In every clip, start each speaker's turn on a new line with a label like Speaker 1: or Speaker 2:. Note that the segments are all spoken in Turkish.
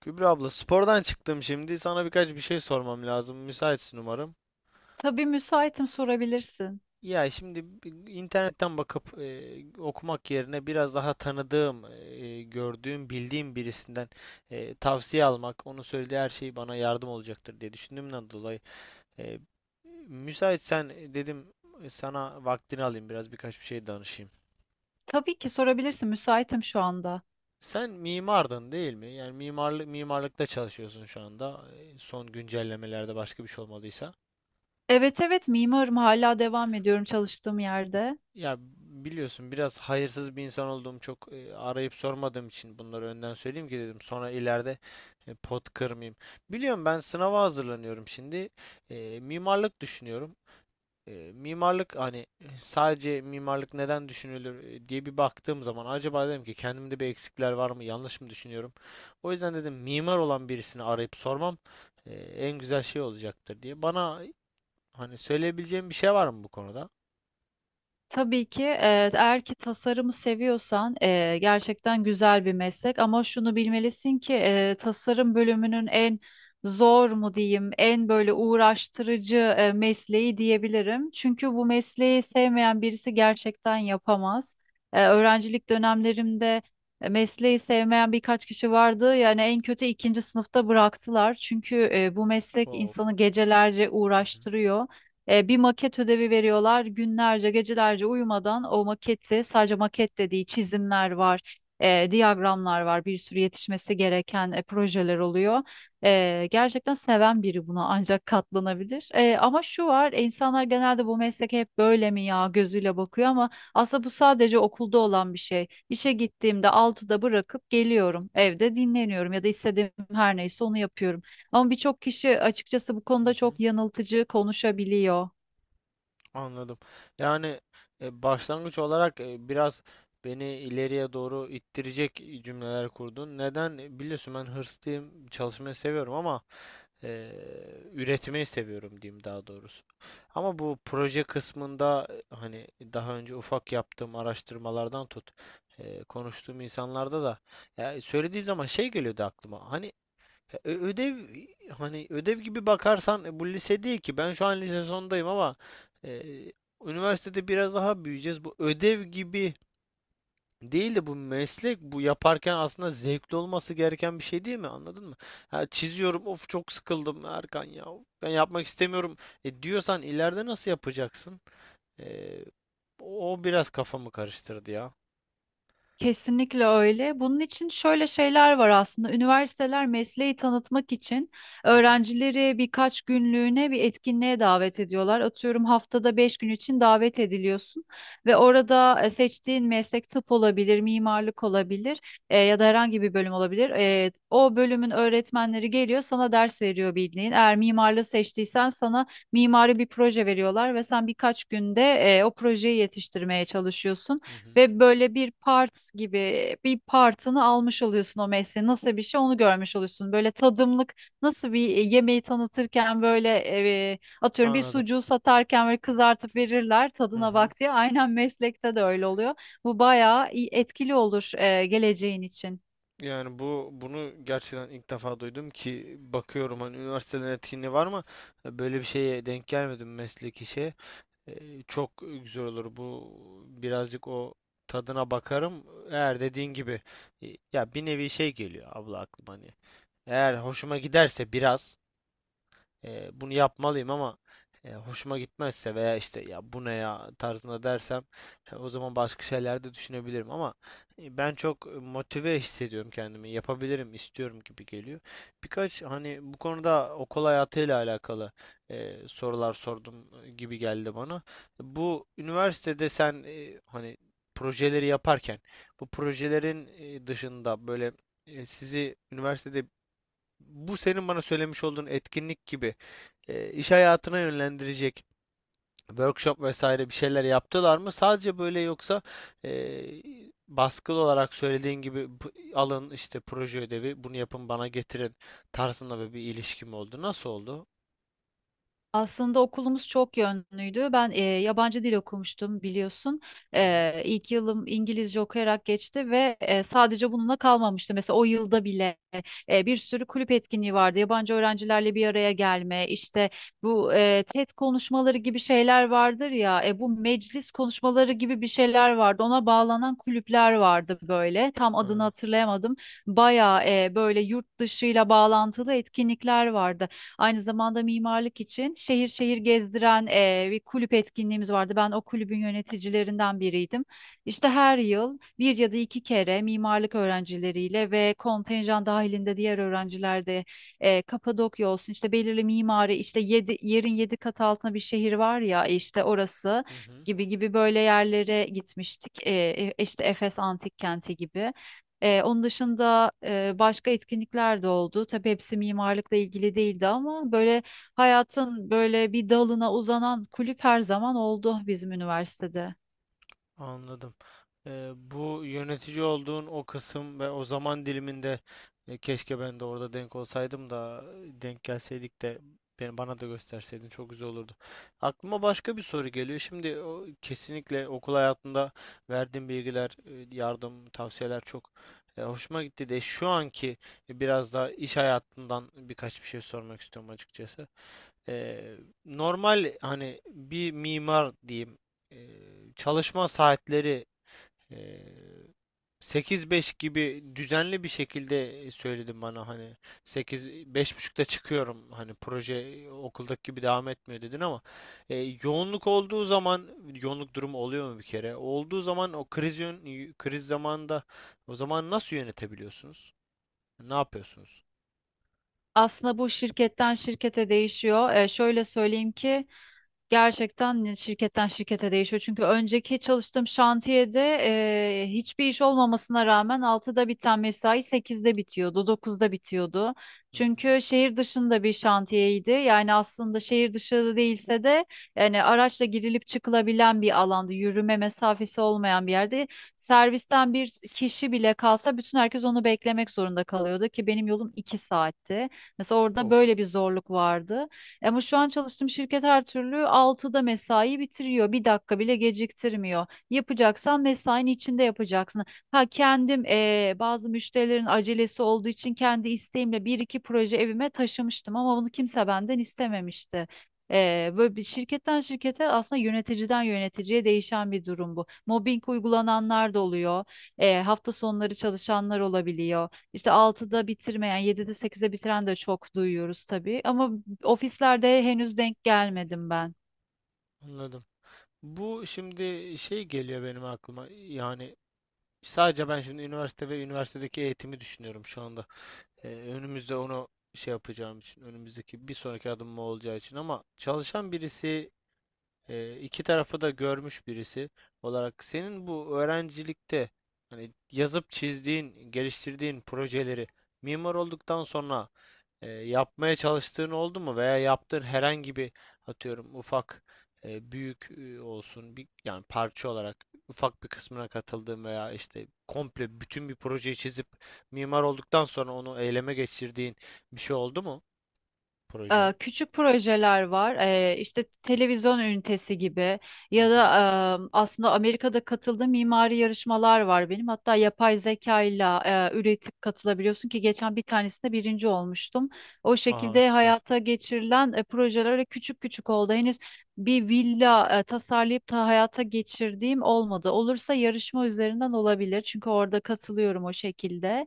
Speaker 1: Kübra abla spordan çıktım şimdi. Sana birkaç bir şey sormam lazım. Müsaitsin umarım.
Speaker 2: Tabii müsaitim sorabilirsin.
Speaker 1: Ya şimdi internetten bakıp okumak yerine biraz daha tanıdığım, gördüğüm, bildiğim birisinden tavsiye almak, onun söylediği her şey bana yardım olacaktır diye düşündüğümden dolayı e, müsaitsen dedim sana vaktini alayım biraz birkaç bir şey danışayım.
Speaker 2: Tabii ki sorabilirsin. Müsaitim şu anda.
Speaker 1: Sen mimardın değil mi? Yani mimarlıkta çalışıyorsun şu anda. Son güncellemelerde başka bir şey olmadıysa.
Speaker 2: Evet evet mimarım hala devam ediyorum çalıştığım yerde.
Speaker 1: Ya biliyorsun biraz hayırsız bir insan olduğum çok arayıp sormadığım için bunları önden söyleyeyim ki dedim sonra ileride pot kırmayayım. Biliyorum ben sınava hazırlanıyorum şimdi. Mimarlık düşünüyorum. Mimarlık hani sadece mimarlık neden düşünülür diye bir baktığım zaman acaba dedim ki kendimde bir eksikler var mı yanlış mı düşünüyorum. O yüzden dedim mimar olan birisini arayıp sormam en güzel şey olacaktır diye. Bana hani söyleyebileceğim bir şey var mı bu konuda?
Speaker 2: Tabii ki eğer ki tasarımı seviyorsan gerçekten güzel bir meslek ama şunu bilmelisin ki tasarım bölümünün en zor mu diyeyim en böyle uğraştırıcı mesleği diyebilirim. Çünkü bu mesleği sevmeyen birisi gerçekten yapamaz. Öğrencilik dönemlerimde mesleği sevmeyen birkaç kişi vardı, yani en kötü ikinci sınıfta bıraktılar. Çünkü bu meslek
Speaker 1: Of.
Speaker 2: insanı gecelerce
Speaker 1: Hı hı.
Speaker 2: uğraştırıyor. Bir maket ödevi veriyorlar. Günlerce, gecelerce uyumadan o maketi, sadece maket dediği çizimler var, diyagramlar var, bir sürü yetişmesi gereken projeler oluyor. Gerçekten seven biri buna ancak katlanabilir. Ama şu var, insanlar genelde bu meslek hep böyle mi ya gözüyle bakıyor ama aslında bu sadece okulda olan bir şey. İşe gittiğimde altıda bırakıp geliyorum, evde dinleniyorum ya da istediğim her neyse onu yapıyorum. Ama birçok kişi açıkçası bu
Speaker 1: Hı
Speaker 2: konuda
Speaker 1: hı.
Speaker 2: çok yanıltıcı konuşabiliyor.
Speaker 1: Anladım. Yani başlangıç olarak biraz beni ileriye doğru ittirecek cümleler kurdun. Neden? Biliyorsun ben hırslıyım, çalışmayı seviyorum ama e, üretmeyi seviyorum diyeyim daha doğrusu. Ama bu proje kısmında hani daha önce ufak yaptığım araştırmalardan tut, konuştuğum insanlarda da ya söylediği zaman şey geliyordu aklıma. Hani ödev hani ödev gibi bakarsan bu lise değil ki. Ben şu an lise sondayım ama e, üniversitede biraz daha büyüyeceğiz. Bu ödev gibi değil de bu meslek bu yaparken aslında zevkli olması gereken bir şey değil mi? Anladın mı? Ha, çiziyorum of çok sıkıldım Erkan ya. Ben yapmak istemiyorum diyorsan ileride nasıl yapacaksın? E, O biraz kafamı karıştırdı ya.
Speaker 2: Kesinlikle öyle. Bunun için şöyle şeyler var aslında. Üniversiteler mesleği tanıtmak için
Speaker 1: Hı hı,
Speaker 2: öğrencileri birkaç günlüğüne bir etkinliğe davet ediyorlar. Atıyorum haftada beş gün için davet ediliyorsun ve orada seçtiğin meslek tıp olabilir, mimarlık olabilir, ya da herhangi bir bölüm olabilir. O bölümün öğretmenleri geliyor, sana ders veriyor bildiğin. Eğer mimarlığı seçtiysen sana mimari bir proje veriyorlar ve sen birkaç günde o projeyi yetiştirmeye çalışıyorsun
Speaker 1: hı hı.
Speaker 2: ve böyle bir part gibi bir partını almış oluyorsun, o mesleğin nasıl bir şey onu görmüş oluyorsun. Böyle tadımlık, nasıl bir yemeği tanıtırken böyle atıyorum bir
Speaker 1: Anladım.
Speaker 2: sucuğu satarken böyle kızartıp verirler
Speaker 1: Hı
Speaker 2: tadına
Speaker 1: hı.
Speaker 2: bak diye aynen meslekte de öyle oluyor. Bu bayağı etkili olur geleceğin için.
Speaker 1: Yani bu bunu gerçekten ilk defa duydum ki bakıyorum hani üniversitelerin etkinliği var mı? Böyle bir şeye denk gelmedim mesleki şeye. Çok güzel olur bu birazcık o tadına bakarım. Eğer dediğin gibi ya bir nevi şey geliyor abla aklıma hani. Eğer hoşuma giderse biraz bunu yapmalıyım ama hoşuma gitmezse veya işte ya bu ne ya tarzında dersem o zaman başka şeyler de düşünebilirim ama ben çok motive hissediyorum kendimi. Yapabilirim, istiyorum gibi geliyor. Birkaç hani bu konuda okul hayatıyla alakalı sorular sordum gibi geldi bana. Bu üniversitede sen hani projeleri yaparken bu projelerin dışında böyle sizi üniversitede bu senin bana söylemiş olduğun etkinlik gibi iş hayatına yönlendirecek workshop vesaire bir şeyler yaptılar mı? Sadece böyle yoksa e, baskılı olarak söylediğin gibi alın işte proje ödevi bunu yapın bana getirin tarzında böyle bir ilişki mi oldu. Nasıl oldu?
Speaker 2: Aslında okulumuz çok yönlüydü. Ben yabancı dil okumuştum biliyorsun.
Speaker 1: Hı hı.
Speaker 2: İlk yılım İngilizce okuyarak geçti ve sadece bununla kalmamıştı. Mesela o yılda bile bir sürü kulüp etkinliği vardı. Yabancı öğrencilerle bir araya gelme, işte bu TED konuşmaları gibi şeyler vardır ya. Bu meclis konuşmaları gibi bir şeyler vardı. Ona bağlanan kulüpler vardı böyle. Tam adını
Speaker 1: Ha.
Speaker 2: hatırlayamadım. Bayağı böyle yurt dışıyla bağlantılı etkinlikler vardı. Aynı zamanda mimarlık için şehir şehir gezdiren bir kulüp etkinliğimiz vardı. Ben o kulübün yöneticilerinden biriydim. İşte her yıl bir ya da iki kere mimarlık öğrencileriyle ve kontenjan dahilinde diğer öğrenciler de Kapadokya olsun, işte belirli mimari, işte yedi, yerin yedi kat altına bir şehir var ya işte orası
Speaker 1: Hı hı.
Speaker 2: gibi gibi böyle yerlere gitmiştik. İşte Efes Antik Kenti gibi. Onun dışında başka etkinlikler de oldu. Tabii hepsi mimarlıkla ilgili değildi ama böyle hayatın böyle bir dalına uzanan kulüp her zaman oldu bizim üniversitede.
Speaker 1: Anladım. Bu yönetici olduğun o kısım ve o zaman diliminde keşke ben de orada denk olsaydım da denk gelseydik de beni bana da gösterseydin çok güzel olurdu. Aklıma başka bir soru geliyor. Şimdi o, kesinlikle okul hayatında verdiğin bilgiler, yardım, tavsiyeler çok hoşuma gitti de şu anki biraz da iş hayatından birkaç bir şey sormak istiyorum açıkçası. Eee, Normal hani bir mimar diyeyim çalışma saatleri eee 8-5 gibi düzenli bir şekilde söyledim bana hani sekiz beş buçukta çıkıyorum hani proje okuldaki gibi devam etmiyor dedin ama yoğunluk olduğu zaman yoğunluk durumu oluyor mu bir kere? Olduğu zaman o kriz zamanında o zaman nasıl yönetebiliyorsunuz? Ne yapıyorsunuz?
Speaker 2: Aslında bu şirketten şirkete değişiyor. Şöyle söyleyeyim ki gerçekten şirketten şirkete değişiyor. Çünkü önceki çalıştığım şantiyede hiçbir iş olmamasına rağmen 6'da biten mesai sekizde bitiyordu, dokuzda bitiyordu.
Speaker 1: Hı hı.
Speaker 2: Çünkü şehir dışında bir şantiyeydi. Yani aslında şehir dışı değilse de yani araçla girilip çıkılabilen bir alanda, yürüme mesafesi olmayan bir yerde servisten bir kişi bile kalsa bütün herkes onu beklemek zorunda kalıyordu ki benim yolum 2 saatti. Mesela orada
Speaker 1: Of,
Speaker 2: böyle bir zorluk vardı. Ama şu an çalıştığım şirket her türlü altıda mesai bitiriyor. Bir dakika bile geciktirmiyor. Yapacaksan mesainin içinde yapacaksın. Ha, kendim bazı müşterilerin acelesi olduğu için kendi isteğimle bir iki proje evime taşımıştım ama bunu kimse benden istememişti. Böyle bir şirketten şirkete aslında yöneticiden yöneticiye değişen bir durum bu. Mobbing uygulananlar da oluyor. Hafta sonları çalışanlar olabiliyor. İşte altıda bitirmeyen, yedide 8'de bitiren de çok duyuyoruz tabii. Ama ofislerde henüz denk gelmedim ben.
Speaker 1: anladım. Bu şimdi şey geliyor benim aklıma. Yani sadece ben şimdi üniversite ve üniversitedeki eğitimi düşünüyorum şu anda. Önümüzde onu şey yapacağım için, önümüzdeki bir sonraki adım mı olacağı için ama çalışan birisi iki tarafı da görmüş birisi olarak senin bu öğrencilikte hani yazıp çizdiğin, geliştirdiğin projeleri mimar olduktan sonra yapmaya çalıştığın oldu mu veya yaptığın herhangi bir atıyorum ufak büyük olsun bir yani parça olarak ufak bir kısmına katıldığın veya işte komple bütün bir projeyi çizip mimar olduktan sonra onu eyleme geçirdiğin bir şey oldu mu proje?
Speaker 2: Küçük projeler var. İşte televizyon ünitesi gibi
Speaker 1: Hı
Speaker 2: ya da
Speaker 1: hı.
Speaker 2: aslında Amerika'da katıldığım mimari yarışmalar var benim. Hatta yapay zeka ile üretip katılabiliyorsun ki geçen bir tanesinde birinci olmuştum. O
Speaker 1: Aha
Speaker 2: şekilde
Speaker 1: süper.
Speaker 2: hayata geçirilen projeler öyle küçük küçük oldu. Henüz bir villa tasarlayıp da hayata geçirdiğim olmadı. Olursa yarışma üzerinden olabilir. Çünkü orada katılıyorum o şekilde.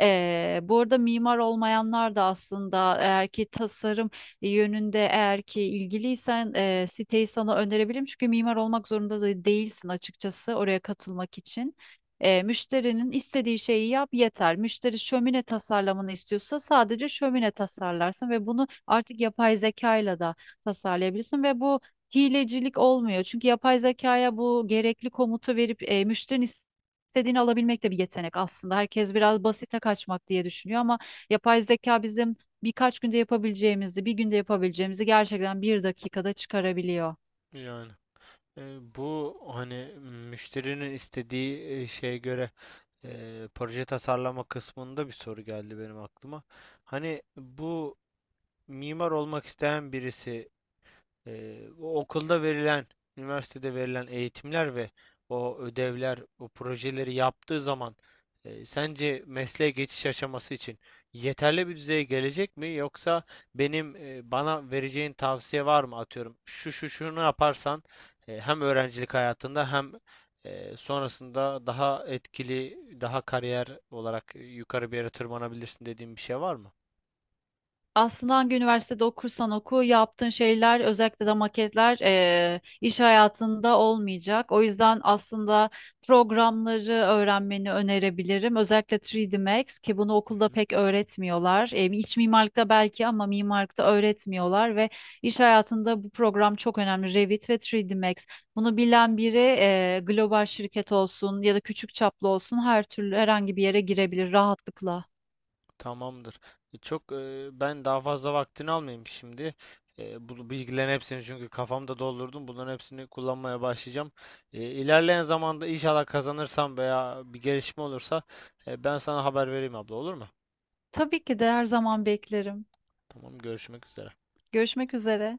Speaker 2: Bu arada mimar olmayanlar da aslında eğer ki tasarım yönünde eğer ki ilgiliysen siteyi sana önerebilirim. Çünkü mimar olmak zorunda da değilsin açıkçası oraya katılmak için. Müşterinin istediği şeyi yap yeter. Müşteri şömine tasarlamanı istiyorsa sadece şömine tasarlarsın ve bunu artık yapay zekayla da tasarlayabilirsin ve bu hilecilik olmuyor. Çünkü yapay zekaya bu gerekli komutu verip müşterinin İstediğini alabilmek de bir yetenek aslında. Herkes biraz basite kaçmak diye düşünüyor ama yapay zeka bizim birkaç günde yapabileceğimizi, bir günde yapabileceğimizi gerçekten bir dakikada çıkarabiliyor.
Speaker 1: Yani. Bu hani müşterinin istediği şeye göre proje tasarlama kısmında bir soru geldi benim aklıma. Hani bu mimar olmak isteyen birisi o okulda verilen, üniversitede verilen eğitimler ve o ödevler, o projeleri yaptığı zaman sence mesleğe geçiş aşaması için yeterli bir düzeye gelecek mi? Yoksa benim bana vereceğin tavsiye var mı? Atıyorum şu şunu yaparsan hem öğrencilik hayatında hem sonrasında daha etkili, daha kariyer olarak yukarı bir yere tırmanabilirsin dediğin bir şey var mı?
Speaker 2: Aslında hangi üniversitede okursan oku yaptığın şeyler, özellikle de maketler, iş hayatında olmayacak. O yüzden aslında programları öğrenmeni önerebilirim. Özellikle 3D Max, ki bunu
Speaker 1: Hı
Speaker 2: okulda
Speaker 1: hı.
Speaker 2: pek öğretmiyorlar. İç mimarlıkta belki ama mimarlıkta öğretmiyorlar ve iş hayatında bu program çok önemli. Revit ve 3D Max. Bunu bilen biri global şirket olsun ya da küçük çaplı olsun her türlü herhangi bir yere girebilir rahatlıkla.
Speaker 1: Tamamdır. Çok ben daha fazla vaktini almayayım şimdi. Bu bilgilerin hepsini çünkü kafamda doldurdum. Bunların hepsini kullanmaya başlayacağım. İlerleyen zamanda inşallah kazanırsam veya bir gelişme olursa ben sana haber vereyim abla, olur mu?
Speaker 2: Tabii ki de her zaman beklerim.
Speaker 1: Tamam, görüşmek üzere.
Speaker 2: Görüşmek üzere.